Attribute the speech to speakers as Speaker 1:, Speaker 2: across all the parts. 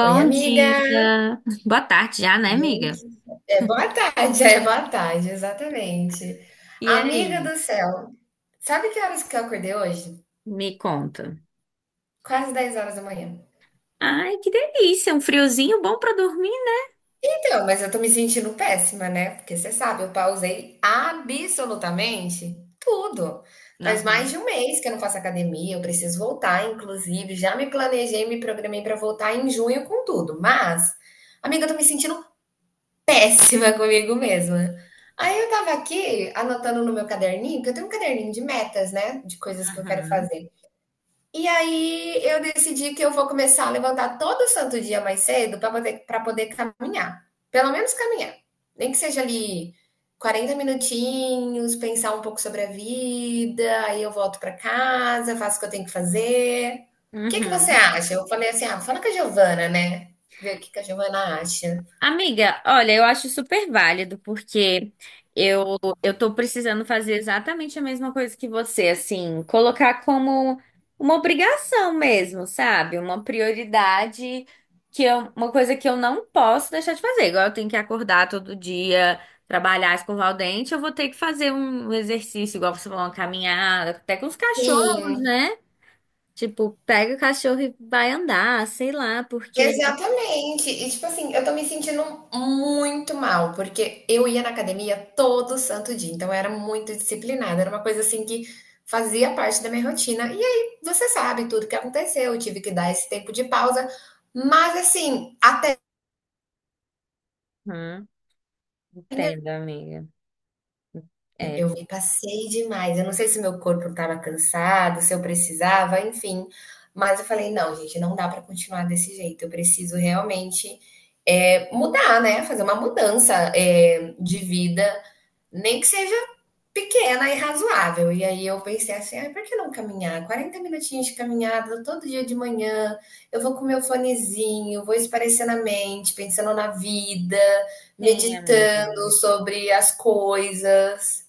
Speaker 1: Oi, amiga!
Speaker 2: dia. Boa tarde já, né, amiga?
Speaker 1: Gente, é boa tarde, é boa tarde, exatamente.
Speaker 2: E
Speaker 1: Amiga
Speaker 2: aí?
Speaker 1: do céu, sabe que horas que eu acordei hoje?
Speaker 2: Me conta.
Speaker 1: Quase 10 horas da manhã.
Speaker 2: Ai, que delícia, um friozinho bom pra dormir.
Speaker 1: Então, mas eu tô me sentindo péssima, né? Porque você sabe, eu pausei absolutamente tudo. Faz mais
Speaker 2: Né?
Speaker 1: de um mês que eu não faço academia, eu preciso voltar, inclusive. Já me planejei, me programei pra voltar em junho com tudo. Mas, amiga, eu tô me sentindo péssima comigo mesma. Aí eu estava aqui anotando no meu caderninho, que eu tenho um caderninho de metas, né, de coisas que eu
Speaker 2: Aham,
Speaker 1: quero
Speaker 2: uhum,
Speaker 1: fazer. E aí eu decidi que eu vou começar a levantar todo santo dia mais cedo para poder caminhar. Pelo menos caminhar. Nem que seja ali 40 minutinhos, pensar um pouco sobre a vida, aí eu volto para casa, faço o que eu tenho que fazer. O que que você
Speaker 2: uhum.
Speaker 1: acha? Eu falei assim: ah, fala com a Giovana, né? Ver o que que a Giovana acha.
Speaker 2: Amiga, olha, eu acho super válido, porque eu, eu tô precisando fazer exatamente a mesma coisa que você, assim, colocar como uma obrigação mesmo, sabe? Uma prioridade, que eu, uma coisa que eu não posso deixar de fazer. Igual eu tenho que acordar todo dia, trabalhar, escovar o dente, eu vou ter que fazer um exercício, igual você falou, uma caminhada, até com os cachorros,
Speaker 1: Sim,
Speaker 2: né? Tipo, pega o cachorro e vai andar, sei lá, porque.
Speaker 1: exatamente. E tipo assim, eu tô me sentindo muito mal, porque eu ia na academia todo santo dia, então eu era muito disciplinada, era uma coisa assim que fazia parte da minha rotina. E aí, você sabe tudo que aconteceu, eu tive que dar esse tempo de pausa, mas assim, até
Speaker 2: Uhum, entendo, amiga. É.
Speaker 1: eu me passei demais. Eu não sei se meu corpo estava cansado, se eu precisava, enfim. Mas eu falei: "Não, gente, não dá para continuar desse jeito. Eu preciso realmente, mudar, né, fazer uma mudança, de vida, nem que seja pequena e razoável". E aí eu pensei assim: "Ai, por que não caminhar? 40 minutinhos de caminhada todo dia de manhã. Eu vou com meu fonezinho, vou esparecendo a mente, pensando na vida,
Speaker 2: Sim, amiga.
Speaker 1: meditando sobre as coisas".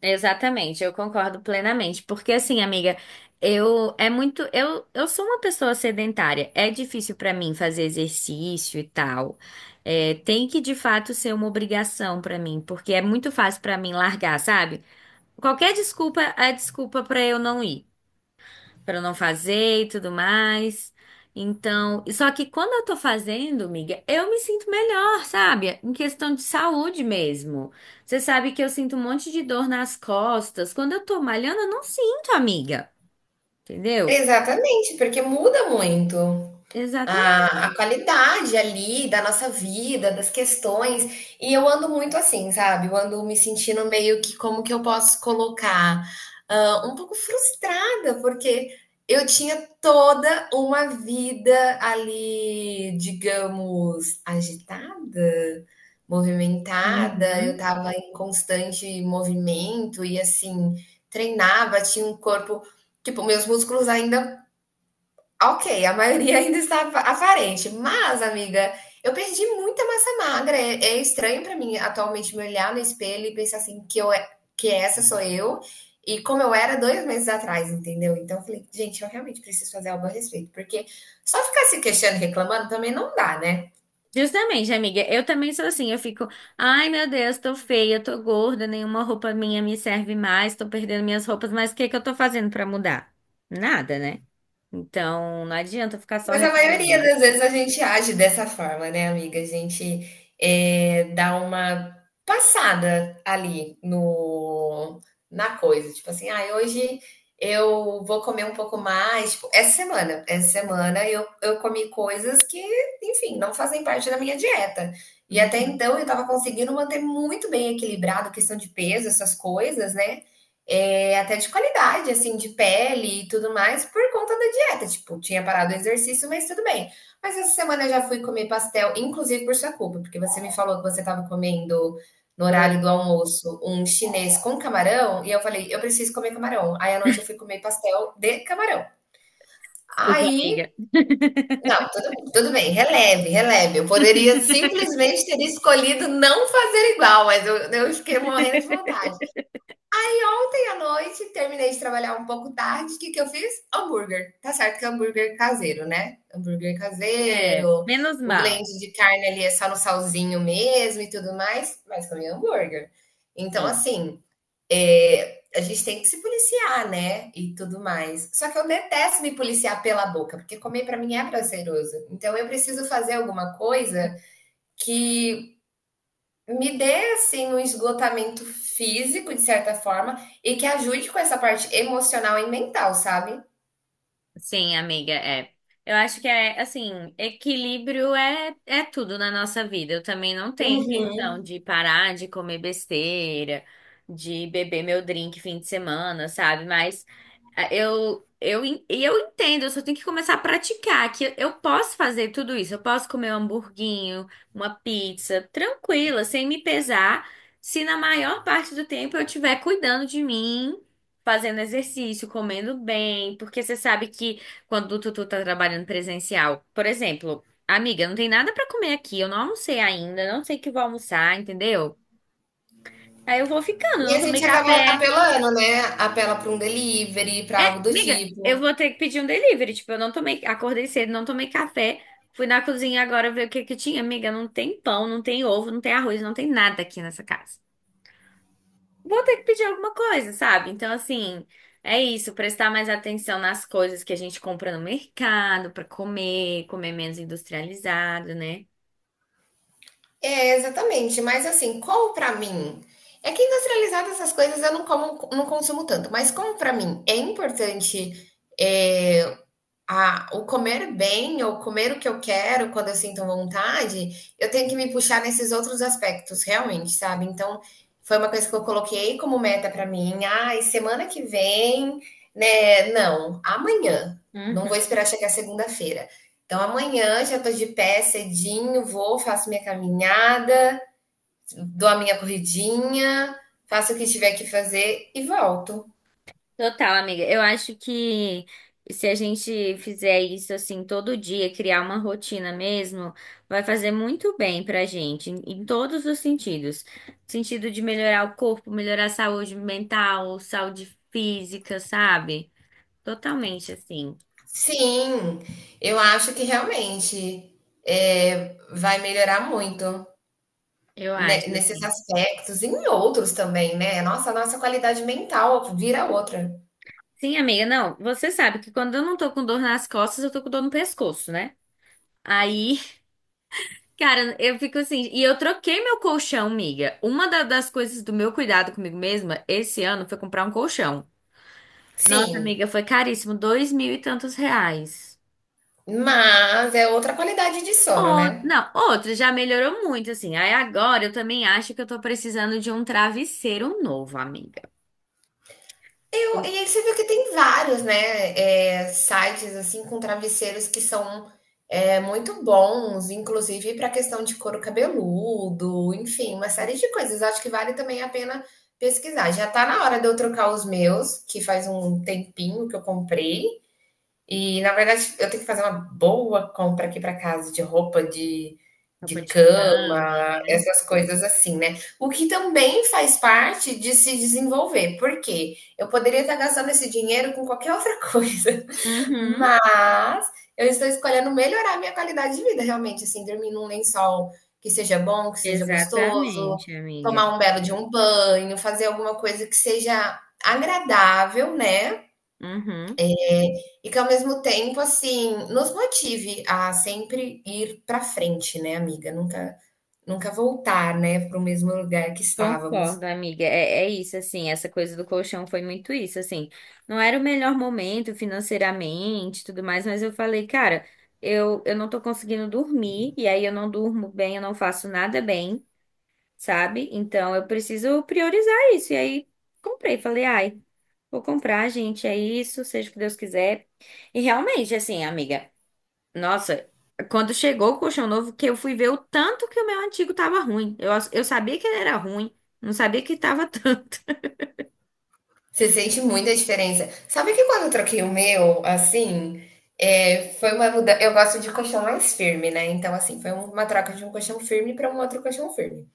Speaker 2: Exatamente, eu concordo plenamente. Porque assim, amiga, eu é muito, eu sou uma pessoa sedentária. É difícil pra mim fazer exercício e tal. É, tem que de fato ser uma obrigação pra mim, porque é muito fácil pra mim largar, sabe? Qualquer desculpa é desculpa pra eu não ir, para não fazer e tudo mais. Então, só que quando eu tô fazendo, miga, eu me sinto melhor, sabe? Em questão de saúde mesmo. Você sabe que eu sinto um monte de dor nas costas. Quando eu tô malhando, eu não sinto, amiga. Entendeu?
Speaker 1: Exatamente, porque muda muito
Speaker 2: Exatamente.
Speaker 1: a qualidade ali da nossa vida, das questões. E eu ando muito assim, sabe? Eu ando me sentindo meio que como que eu posso colocar, ah, um pouco frustrada, porque eu tinha toda uma vida ali, digamos, agitada, movimentada, eu
Speaker 2: Uhum.
Speaker 1: estava em constante movimento e assim, treinava, tinha um corpo. Tipo, meus músculos ainda, ok, a maioria ainda está aparente, mas, amiga, eu perdi muita massa magra. É, é estranho para mim atualmente me olhar no espelho e pensar assim que essa sou eu e como eu era 2 meses atrás, entendeu? Então eu falei, gente, eu realmente preciso fazer algo a respeito, porque só ficar se queixando e reclamando também não dá, né?
Speaker 2: Justamente, amiga. Eu também sou assim. Eu fico, ai meu Deus, tô feia, tô gorda, nenhuma roupa minha me serve mais, tô perdendo minhas roupas, mas o que que eu tô fazendo pra mudar? Nada, né? Então, não adianta ficar só
Speaker 1: Mas a maioria
Speaker 2: reclamando.
Speaker 1: das vezes a gente age dessa forma, né, amiga? A gente dá uma passada ali no, na coisa. Tipo assim, ah, hoje eu vou comer um pouco mais. Tipo, essa semana eu comi coisas que, enfim, não fazem parte da minha dieta. E até
Speaker 2: Uhum.
Speaker 1: então eu estava conseguindo manter muito bem equilibrado, questão de peso, essas coisas, né? É, até de qualidade, assim, de pele e tudo mais, por conta da dieta. Tipo, tinha parado o exercício, mas tudo bem. Mas essa semana eu já fui comer pastel, inclusive por sua culpa, porque você me falou que você estava comendo no horário
Speaker 2: Putz.
Speaker 1: do almoço um chinês com camarão, e eu falei, eu preciso comer camarão. Aí à noite eu fui comer pastel de camarão.
Speaker 2: Desculpa,
Speaker 1: Aí,
Speaker 2: amiga.
Speaker 1: não, tudo, tudo bem, releve, releve. Eu poderia simplesmente ter escolhido não fazer igual, mas eu fiquei morrendo de vontade. E ontem à noite terminei de trabalhar um pouco tarde. O que que eu fiz? Hambúrguer. Tá certo que é hambúrguer caseiro, né? Hambúrguer
Speaker 2: É,
Speaker 1: caseiro,
Speaker 2: menos
Speaker 1: o
Speaker 2: mal.
Speaker 1: blend de carne ali é só no salzinho mesmo e tudo mais, mas comi hambúrguer. Então,
Speaker 2: Sim.
Speaker 1: assim, a gente tem que se policiar, né? E tudo mais. Só que eu detesto me policiar pela boca, porque comer pra mim é prazeroso. Então, eu preciso fazer alguma coisa que me dê, assim, um esgotamento físico, de certa forma, e que ajude com essa parte emocional e mental, sabe?
Speaker 2: Sim, amiga, é. Eu acho que é assim, equilíbrio é, é tudo na nossa vida. Eu também não tenho intenção
Speaker 1: Uhum.
Speaker 2: de parar de comer besteira, de beber meu drink fim de semana, sabe? Mas ah, eu en- e eu entendo, eu só tenho que começar a praticar que eu posso fazer tudo isso. Eu posso comer um hamburguinho, uma pizza, tranquila, sem me pesar, se na maior parte do tempo eu estiver cuidando de mim, fazendo exercício, comendo bem, porque você sabe que quando o Tutu tá trabalhando presencial, por exemplo, amiga, não tem nada pra comer aqui, eu não almocei ainda, não sei o que eu vou almoçar, entendeu? Aí eu vou ficando,
Speaker 1: E
Speaker 2: não
Speaker 1: a
Speaker 2: tomei
Speaker 1: gente acaba
Speaker 2: café.
Speaker 1: apelando, né? Apela para um delivery,
Speaker 2: É,
Speaker 1: para algo do
Speaker 2: amiga, eu
Speaker 1: tipo.
Speaker 2: vou ter que pedir um delivery, tipo, eu não tomei, acordei cedo, não tomei café. Fui na cozinha agora ver o que que tinha, amiga. Não tem pão, não tem ovo, não tem arroz, não tem nada aqui nessa casa. Vou ter que pedir alguma coisa, sabe? Então, assim, é isso, prestar mais atenção nas coisas que a gente compra no mercado para comer, comer menos industrializado, né?
Speaker 1: É, exatamente. Mas assim, como para mim, é que industrializado essas coisas eu não como, não consumo tanto. Mas como para mim é importante, é, ah, o comer bem ou comer o que eu quero quando eu sinto vontade, eu tenho que me puxar nesses outros aspectos, realmente, sabe? Então, foi uma coisa que eu coloquei como meta para mim. Ai, semana que vem, né? Não, amanhã. Não vou
Speaker 2: Uhum.
Speaker 1: esperar chegar segunda-feira. Então, amanhã já tô de pé cedinho, vou, faço minha caminhada, dou a minha corridinha, faço o que tiver que fazer e volto.
Speaker 2: Total, amiga. Eu acho que se a gente fizer isso assim todo dia, criar uma rotina mesmo, vai fazer muito bem pra gente, em, em todos os sentidos. Sentido de melhorar o corpo, melhorar a saúde mental, saúde física, sabe? Totalmente assim.
Speaker 1: Sim, eu acho que realmente, vai melhorar muito,
Speaker 2: Eu
Speaker 1: ne
Speaker 2: acho
Speaker 1: nesses
Speaker 2: assim.
Speaker 1: aspectos e em outros também, né. Nossa, a nossa qualidade mental vira outra.
Speaker 2: Sim, amiga, não, você sabe que quando eu não tô com dor nas costas, eu tô com dor no pescoço, né? Aí, cara, eu fico assim, e eu troquei meu colchão, amiga. Uma da- das coisas do meu cuidado comigo mesma esse ano foi comprar um colchão. Nossa,
Speaker 1: Sim,
Speaker 2: amiga, foi caríssimo, dois mil e tantos reais.
Speaker 1: mas é outra qualidade de sono,
Speaker 2: Ou,
Speaker 1: né.
Speaker 2: não, outro já melhorou muito, assim. Aí agora eu também acho que eu tô precisando de um travesseiro novo, amiga.
Speaker 1: Eu,
Speaker 2: Um-
Speaker 1: e aí você viu que tem vários, né, sites assim com travesseiros que são muito bons, inclusive para questão de couro cabeludo, enfim, uma série de coisas. Acho que vale também a pena pesquisar. Já tá na hora de eu trocar os meus, que faz um tempinho que eu comprei. E, na verdade, eu tenho que fazer uma boa compra aqui para casa de roupa
Speaker 2: Roupa
Speaker 1: de
Speaker 2: de cama,
Speaker 1: cama,
Speaker 2: né?
Speaker 1: essas coisas assim, né. O que também faz parte de se desenvolver, porque eu poderia estar gastando esse dinheiro com qualquer outra coisa,
Speaker 2: Uhum,
Speaker 1: mas eu estou escolhendo melhorar minha qualidade de vida, realmente, assim, dormir num lençol que seja bom, que seja gostoso,
Speaker 2: exatamente, amiga.
Speaker 1: tomar um belo de um banho, fazer alguma coisa que seja agradável, né,
Speaker 2: Uhum.
Speaker 1: e que ao mesmo tempo, assim, nos motive a sempre ir para frente, né, amiga? Nunca, nunca voltar, né, para o mesmo lugar que estávamos.
Speaker 2: Concordo, amiga. É, é isso, assim, essa coisa do colchão foi muito isso, assim. Não era o melhor momento financeiramente, e tudo mais, mas eu falei, cara, eu não tô conseguindo dormir, e aí eu não durmo bem, eu não faço nada bem, sabe? Então eu preciso priorizar isso. E aí comprei, falei, ai, vou comprar, gente, é isso, seja o que Deus quiser. E realmente, assim, amiga. Nossa, quando chegou o colchão novo, que eu fui ver o tanto que o meu antigo tava ruim. Eu sabia que ele era ruim, não sabia que tava tanto.
Speaker 1: Você sente muita diferença. Sabe que quando eu troquei o meu, assim, é, foi uma mudança. Eu gosto de colchão mais firme, né? Então, assim, foi um, uma troca de um colchão firme para um outro colchão firme.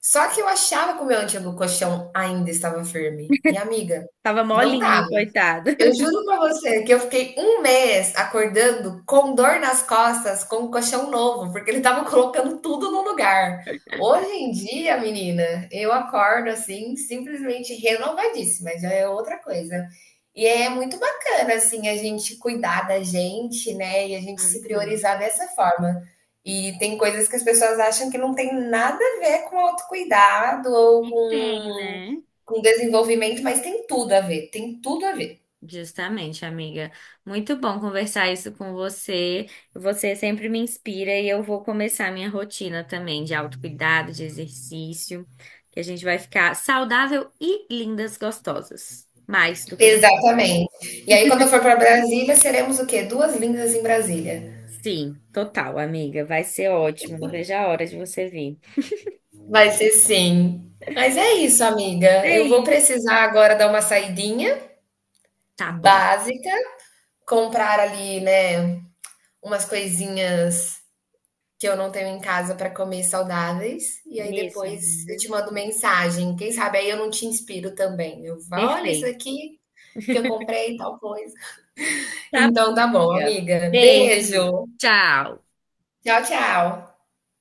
Speaker 1: Só que eu achava que o meu antigo colchão ainda estava firme. E, amiga,
Speaker 2: Tava
Speaker 1: não
Speaker 2: molinho,
Speaker 1: tá.
Speaker 2: coitado.
Speaker 1: Eu juro pra você que eu fiquei um mês acordando com dor nas costas, com um colchão novo, porque ele estava colocando tudo no lugar. Hoje em dia, menina, eu acordo assim, simplesmente renovadíssima, já é outra coisa. E é muito bacana, assim, a gente cuidar da gente, né? E a gente se
Speaker 2: Uhum.
Speaker 1: priorizar dessa forma. E tem coisas que as pessoas acham que não tem nada a ver com autocuidado ou
Speaker 2: E tem, né?
Speaker 1: com desenvolvimento, mas tem tudo a ver, tem tudo a ver.
Speaker 2: Justamente, amiga. Muito bom conversar isso com você. Você sempre me inspira e eu vou começar minha rotina também de autocuidado, de exercício, que a gente vai ficar saudável e lindas, gostosas. Mais do que já somos.
Speaker 1: Exatamente. E aí, quando eu for para Brasília, seremos o quê? Duas lindas em Brasília.
Speaker 2: Sim, total, amiga. Vai ser ótimo. Não vejo a hora de você vir.
Speaker 1: Vai ser sim. Mas é isso, amiga. Eu vou
Speaker 2: Ei,
Speaker 1: precisar agora dar uma saidinha
Speaker 2: tá bom.
Speaker 1: básica, comprar ali, né, umas coisinhas que eu não tenho em casa para comer saudáveis. E
Speaker 2: É
Speaker 1: aí
Speaker 2: isso,
Speaker 1: depois eu
Speaker 2: amiga.
Speaker 1: te mando mensagem. Quem sabe aí eu não te inspiro também. Eu falo, olha isso
Speaker 2: Perfeito.
Speaker 1: aqui que eu comprei, e tal coisa. Então tá bom, amiga.
Speaker 2: Beijo.
Speaker 1: Beijo.
Speaker 2: Tchau.
Speaker 1: Tchau, tchau.